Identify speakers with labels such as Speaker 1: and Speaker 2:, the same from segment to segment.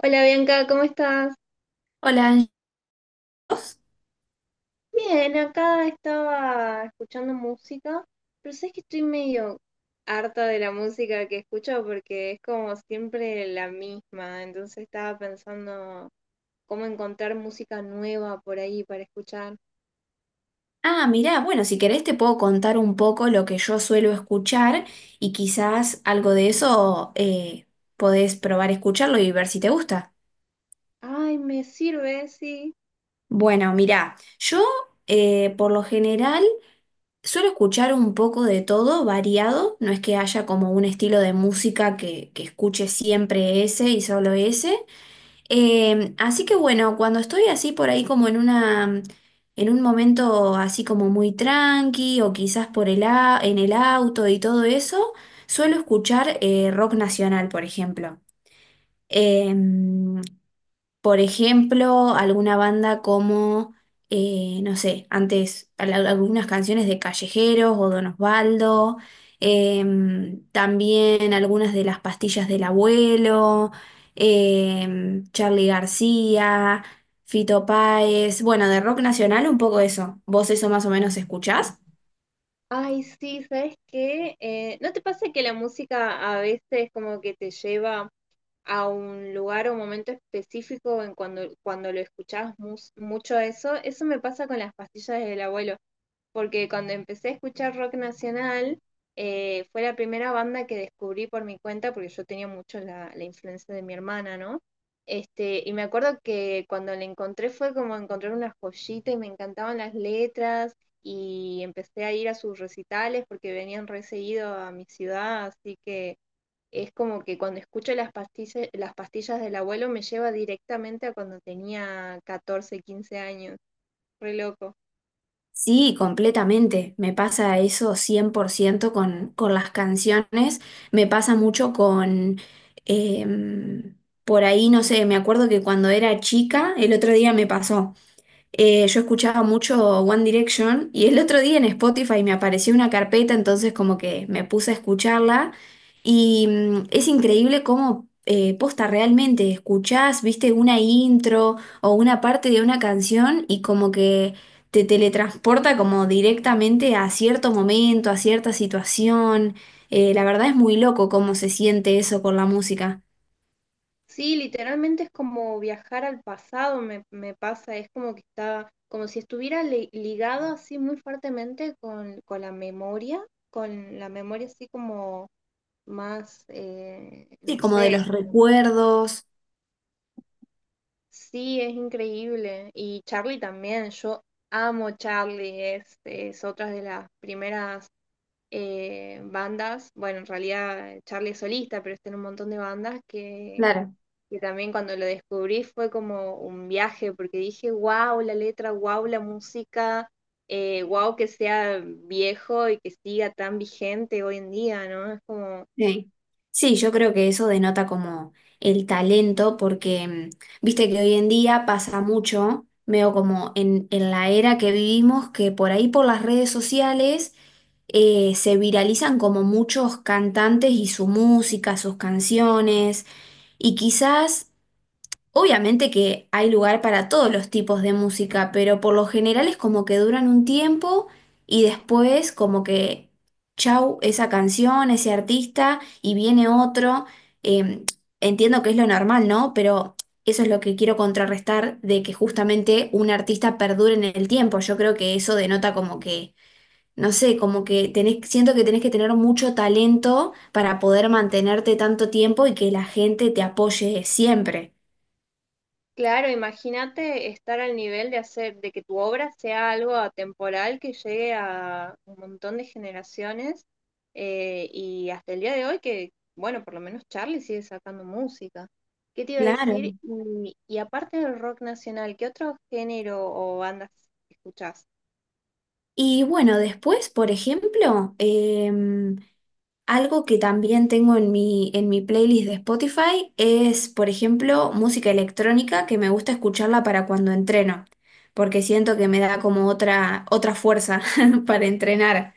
Speaker 1: Hola Bianca, ¿cómo estás?
Speaker 2: Hola, Angelos.
Speaker 1: Bien, acá estaba escuchando música, pero sabes que estoy medio harta de la música que escucho porque es como siempre la misma, entonces estaba pensando cómo encontrar música nueva por ahí para escuchar.
Speaker 2: Ah, mirá, bueno, si querés te puedo contar un poco lo que yo suelo escuchar y quizás algo de eso podés probar escucharlo y ver si te gusta.
Speaker 1: Ay, me sirve, sí.
Speaker 2: Bueno, mirá, yo por lo general suelo escuchar un poco de todo, variado, no es que haya como un estilo de música que escuche siempre ese y solo ese. Así que bueno, cuando estoy así por ahí en un momento así como muy tranqui o quizás en el auto y todo eso, suelo escuchar rock nacional, por ejemplo. Em, por ejemplo, alguna banda como, no sé, antes algunas canciones de Callejeros o Don Osvaldo, también algunas de las pastillas del abuelo, Charly García, Fito Páez, bueno, de rock nacional un poco eso. ¿Vos eso más o menos escuchás?
Speaker 1: Ay, sí, ¿sabes qué? ¿No te pasa que la música a veces como que te lleva a un lugar o un momento específico en cuando lo escuchás mucho eso? Eso me pasa con las pastillas del abuelo porque cuando empecé a escuchar rock nacional, fue la primera banda que descubrí por mi cuenta, porque yo tenía mucho la influencia de mi hermana, ¿no? Este, y me acuerdo que cuando la encontré fue como encontrar una joyita y me encantaban las letras y empecé a ir a sus recitales porque venían re seguido a mi ciudad, así que es como que cuando escucho las pastillas del abuelo me lleva directamente a cuando tenía 14 15 años, re loco.
Speaker 2: Sí, completamente. Me pasa eso 100% con las canciones. Me pasa mucho em, por ahí, no sé, me acuerdo que cuando era chica, el otro día me pasó. Yo escuchaba mucho One Direction y el otro día en Spotify me apareció una carpeta, entonces como que me puse a escucharla y es increíble cómo posta realmente escuchás, viste una intro o una parte de una canción y como que te teletransporta como directamente a cierto momento, a cierta situación. La verdad es muy loco cómo se siente eso con la música.
Speaker 1: Sí, literalmente es como viajar al pasado, me pasa, es como que está, como si estuviera ligado así muy fuertemente con la memoria, con la memoria así como más, no
Speaker 2: Sí, como de
Speaker 1: sé,
Speaker 2: los
Speaker 1: como,
Speaker 2: recuerdos.
Speaker 1: sí, es increíble. Y Charlie también, yo amo Charlie, es otra de las primeras bandas, bueno, en realidad Charlie es solista, pero está en un montón de bandas que
Speaker 2: Claro.
Speaker 1: que también cuando lo descubrí fue como un viaje, porque dije, wow, la letra, wow, la música, wow, que sea viejo y que siga tan vigente hoy en día, ¿no? Es como.
Speaker 2: Sí. Sí, yo creo que eso denota como el talento, porque viste que hoy en día pasa mucho, veo como en la era que vivimos, que por ahí por las redes sociales se viralizan como muchos cantantes y su música, sus canciones, y quizás obviamente que hay lugar para todos los tipos de música, pero por lo general es como que duran un tiempo y después como que chau, esa canción, ese artista y viene otro. Eh, Entiendo que es lo normal, ¿no? Pero eso es lo que quiero contrarrestar de que justamente un artista perdure en el tiempo. Yo creo que eso denota como que, no sé, como que tenés, siento que tenés que tener mucho talento para poder mantenerte tanto tiempo y que la gente te apoye siempre.
Speaker 1: Claro, imagínate estar al nivel de hacer de que tu obra sea algo atemporal que llegue a un montón de generaciones y hasta el día de hoy que, bueno, por lo menos Charlie sigue sacando música. ¿Qué te iba a
Speaker 2: Claro.
Speaker 1: decir? Y aparte del rock nacional, ¿qué otro género o bandas escuchás?
Speaker 2: Y bueno, después, por ejemplo, algo que también tengo en mi playlist de Spotify es, por ejemplo, música electrónica que me gusta escucharla para cuando entreno, porque siento que me da como otra fuerza para entrenar.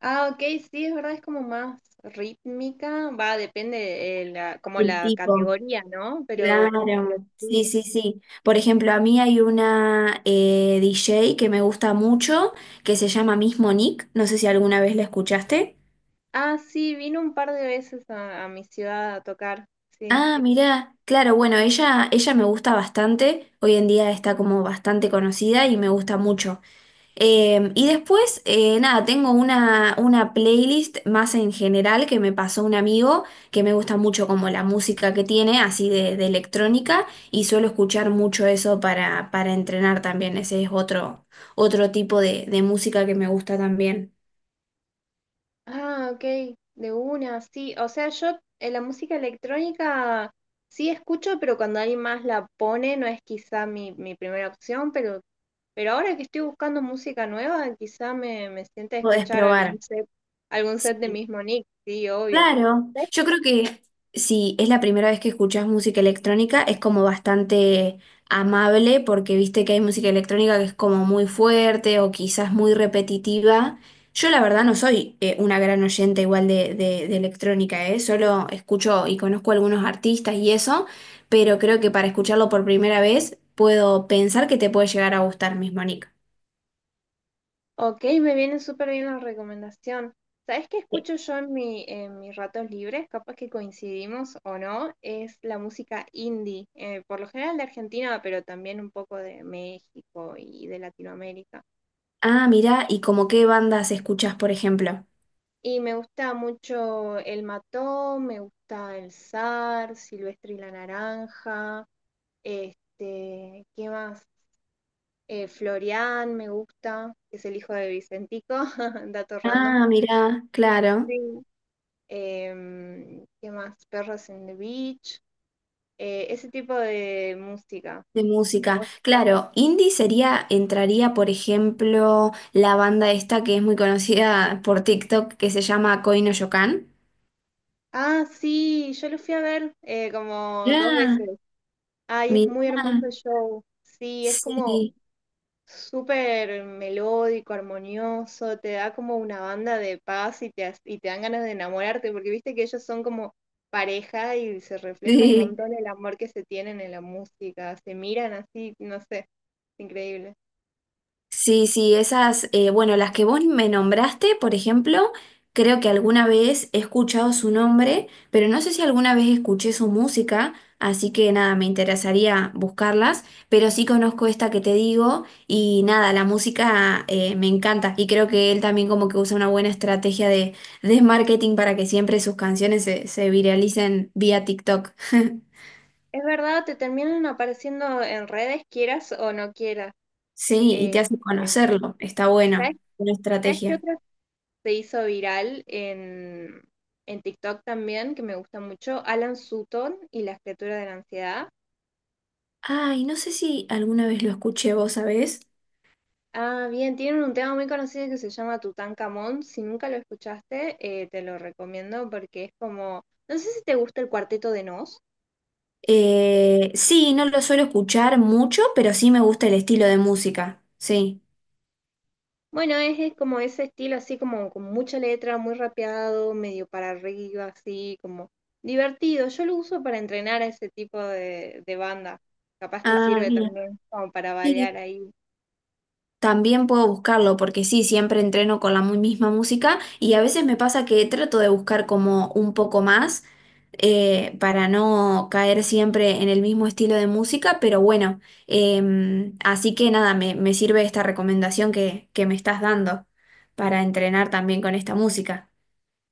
Speaker 1: Ah, ok, sí, es verdad, es como más rítmica, va, depende como
Speaker 2: El
Speaker 1: la
Speaker 2: tipo.
Speaker 1: categoría, ¿no? Pero
Speaker 2: Claro, sí,
Speaker 1: sí.
Speaker 2: sí, sí. Por ejemplo, a mí hay una DJ que me gusta mucho, que se llama Miss Monique, no sé si alguna vez la escuchaste.
Speaker 1: Ah, sí, vino un par de veces a mi ciudad a tocar, sí.
Speaker 2: Ah, mirá, claro, bueno, ella me gusta bastante, hoy en día está como bastante conocida y me gusta mucho. Y después, nada, tengo una playlist más en general que me pasó un amigo, que me gusta mucho como la música que tiene, así de electrónica, y suelo escuchar mucho eso para entrenar también, ese es otro tipo de música que me gusta también.
Speaker 1: Ah, ok, de una, sí. O sea, yo la música electrónica sí escucho, pero cuando alguien más la pone no es quizá mi primera opción, pero ahora que estoy buscando música nueva, quizá me siente a
Speaker 2: Podés
Speaker 1: escuchar
Speaker 2: probar.
Speaker 1: algún set de
Speaker 2: Sí.
Speaker 1: mismo Nick, sí, obvio.
Speaker 2: Claro, yo creo que si es la primera vez que escuchas música electrónica, es como bastante amable porque viste que hay música electrónica que es como muy fuerte o quizás muy repetitiva. Yo la verdad no soy una gran oyente igual de electrónica, ¿eh? Solo escucho y conozco algunos artistas y eso, pero creo que para escucharlo por primera vez puedo pensar que te puede llegar a gustar mismo, Nick.
Speaker 1: Ok, me viene súper bien la recomendación. ¿Sabes qué
Speaker 2: Sí.
Speaker 1: escucho yo en en mis ratos libres? Capaz que coincidimos o no, es la música indie, por lo general de Argentina, pero también un poco de México y de Latinoamérica.
Speaker 2: Ah, mira, ¿y como qué bandas escuchas, por ejemplo?
Speaker 1: Y me gusta mucho El Mató, me gusta El Zar, Silvestre y la Naranja, este, ¿qué más? Florian me gusta, que es el hijo de Vicentico, dato random.
Speaker 2: Ah, mira, claro.
Speaker 1: Sí. ¿Qué más? Perros en the Beach, ese tipo de música.
Speaker 2: De
Speaker 1: Eh,
Speaker 2: música.
Speaker 1: vos-
Speaker 2: Claro, indie sería, entraría, por ejemplo, la banda esta que es muy conocida por TikTok, que se llama Koi no Yokan.
Speaker 1: Ah, sí, yo lo fui a ver como dos
Speaker 2: Mirá,
Speaker 1: veces. Ay, es muy
Speaker 2: mirá,
Speaker 1: hermoso el show. Sí, es como
Speaker 2: sí,
Speaker 1: súper melódico, armonioso, te da como una banda de paz y te dan ganas de enamorarte, porque viste que ellos son como pareja y se refleja un
Speaker 2: sí.
Speaker 1: montón el amor que se tienen en la música, se miran así, no sé, es increíble.
Speaker 2: Sí, sí, esas, bueno, las que vos me nombraste, por ejemplo, creo que alguna vez he escuchado su nombre, pero no sé si alguna vez escuché su música, así que nada, me interesaría buscarlas, pero sí conozco esta que te digo y nada, la música me encanta y creo que él también como que usa una buena estrategia de marketing para que siempre sus canciones se viralicen vía TikTok.
Speaker 1: Es verdad, te terminan apareciendo en redes, quieras o no quieras.
Speaker 2: Sí, y te
Speaker 1: Eh,
Speaker 2: hace
Speaker 1: eh,
Speaker 2: conocerlo, está
Speaker 1: ¿sabes,
Speaker 2: bueno, una
Speaker 1: sabes qué
Speaker 2: estrategia.
Speaker 1: otra se hizo viral en TikTok también, que me gusta mucho? Alan Sutton y la escritura de la ansiedad.
Speaker 2: Ay, no sé si alguna vez lo escuché vos, ¿sabés?
Speaker 1: Ah, bien, tienen un tema muy conocido que se llama Tutankamón. Si nunca lo escuchaste, te lo recomiendo porque es como, no sé si te gusta el cuarteto de Nos.
Speaker 2: Sí, no lo suelo escuchar mucho, pero sí me gusta el estilo de música. Sí.
Speaker 1: Bueno, es como ese estilo así como con mucha letra, muy rapeado, medio para arriba, así como divertido. Yo lo uso para entrenar a ese tipo de banda. Capaz te
Speaker 2: Ah,
Speaker 1: sirve
Speaker 2: bien.
Speaker 1: también como para
Speaker 2: Sí.
Speaker 1: variar ahí.
Speaker 2: También puedo buscarlo porque sí, siempre entreno con la misma música y a veces me pasa que trato de buscar como un poco más para no caer siempre en el mismo estilo de música, pero bueno, así que nada, me sirve esta recomendación que me estás dando para entrenar también con esta música.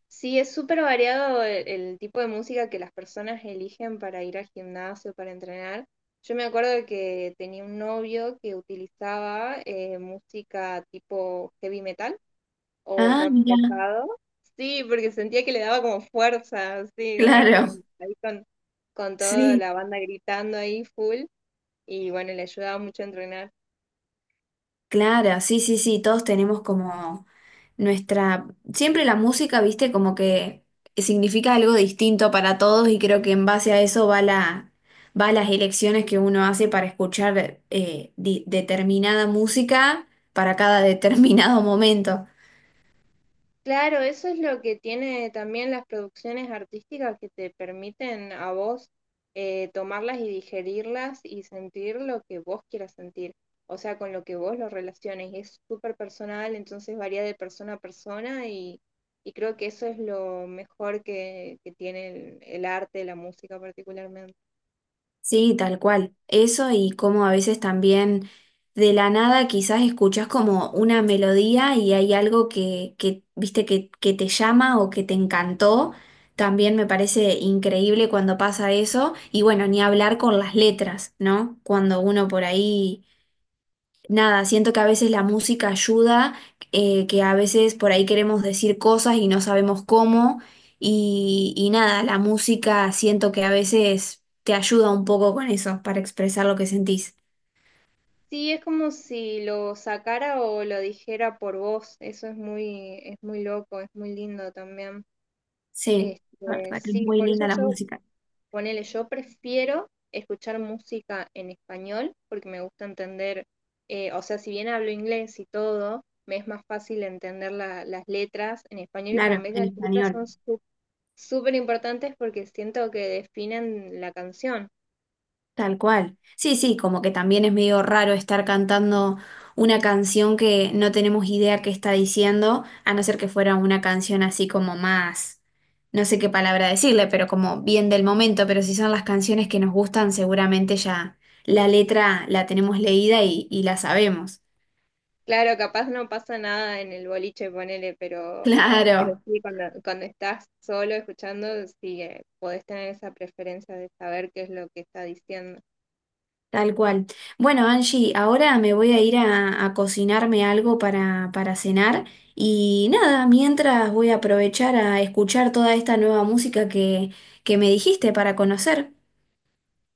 Speaker 1: Sí, es súper variado el tipo de música que las personas eligen para ir al gimnasio, para entrenar. Yo me acuerdo que tenía un novio que utilizaba música tipo heavy metal o
Speaker 2: Ah,
Speaker 1: rock
Speaker 2: mira,
Speaker 1: pesado. Sí, porque sentía que le daba como fuerza, así como
Speaker 2: claro,
Speaker 1: ahí con toda
Speaker 2: sí,
Speaker 1: la banda gritando ahí full y bueno, le ayudaba mucho a entrenar.
Speaker 2: claro, sí, sí, sí, todos tenemos como nuestra, siempre la música, viste, como que significa algo distinto para todos y creo que en base a eso va va las elecciones que uno hace para escuchar determinada música para cada determinado momento.
Speaker 1: Claro, eso es lo que tiene también las producciones artísticas que te permiten a vos tomarlas y digerirlas y sentir lo que vos quieras sentir, o sea, con lo que vos lo relaciones. Es súper personal, entonces varía de persona a persona y creo que eso es lo mejor que tiene el arte, la música particularmente.
Speaker 2: Sí, tal cual. Eso y como a veces también de la nada quizás escuchas como una melodía y hay algo que viste que te llama o que te encantó. También me parece increíble cuando pasa eso. Y bueno, ni hablar con las letras, ¿no? Cuando uno por ahí nada, siento que a veces la música ayuda, que a veces por ahí queremos decir cosas y no sabemos cómo. Y nada, la música siento que a veces te ayuda un poco con eso, para expresar lo que sentís.
Speaker 1: Sí, es como si lo sacara o lo dijera por vos, eso es muy loco, es muy lindo también.
Speaker 2: Sí, la
Speaker 1: Este,
Speaker 2: verdad que es
Speaker 1: sí,
Speaker 2: muy
Speaker 1: por eso
Speaker 2: linda la
Speaker 1: yo
Speaker 2: música.
Speaker 1: ponele, yo prefiero escuchar música en español porque me gusta entender, o sea, si bien hablo inglés y todo, me es más fácil entender las letras en español y para
Speaker 2: Claro,
Speaker 1: mí
Speaker 2: en
Speaker 1: las letras
Speaker 2: español.
Speaker 1: son súper importantes porque siento que definen la canción.
Speaker 2: Tal cual. Sí, sí, como que también es medio raro estar cantando una canción que no tenemos idea qué está diciendo, a no ser que fuera una canción así como más, no sé qué palabra decirle, pero como bien del momento, pero si son las canciones que nos gustan, seguramente ya la letra la tenemos leída y la sabemos.
Speaker 1: Claro, capaz no pasa nada en el boliche, ponele, pero
Speaker 2: Claro.
Speaker 1: sí, cuando estás solo escuchando, sí, podés tener esa preferencia de saber qué es lo que está diciendo.
Speaker 2: Tal cual. Bueno, Angie, ahora me voy a ir a cocinarme algo para cenar y nada, mientras voy a aprovechar a escuchar toda esta nueva música que me dijiste para conocer.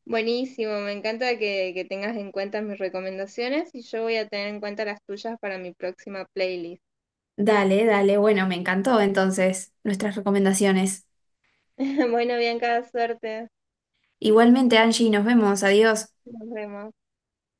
Speaker 1: Buenísimo, me encanta que tengas en cuenta mis recomendaciones y yo voy a tener en cuenta las tuyas para mi próxima playlist.
Speaker 2: Dale, dale, bueno, me encantó entonces nuestras recomendaciones.
Speaker 1: Bueno, Bianca, suerte.
Speaker 2: Igualmente, Angie, nos vemos, adiós.
Speaker 1: Nos vemos.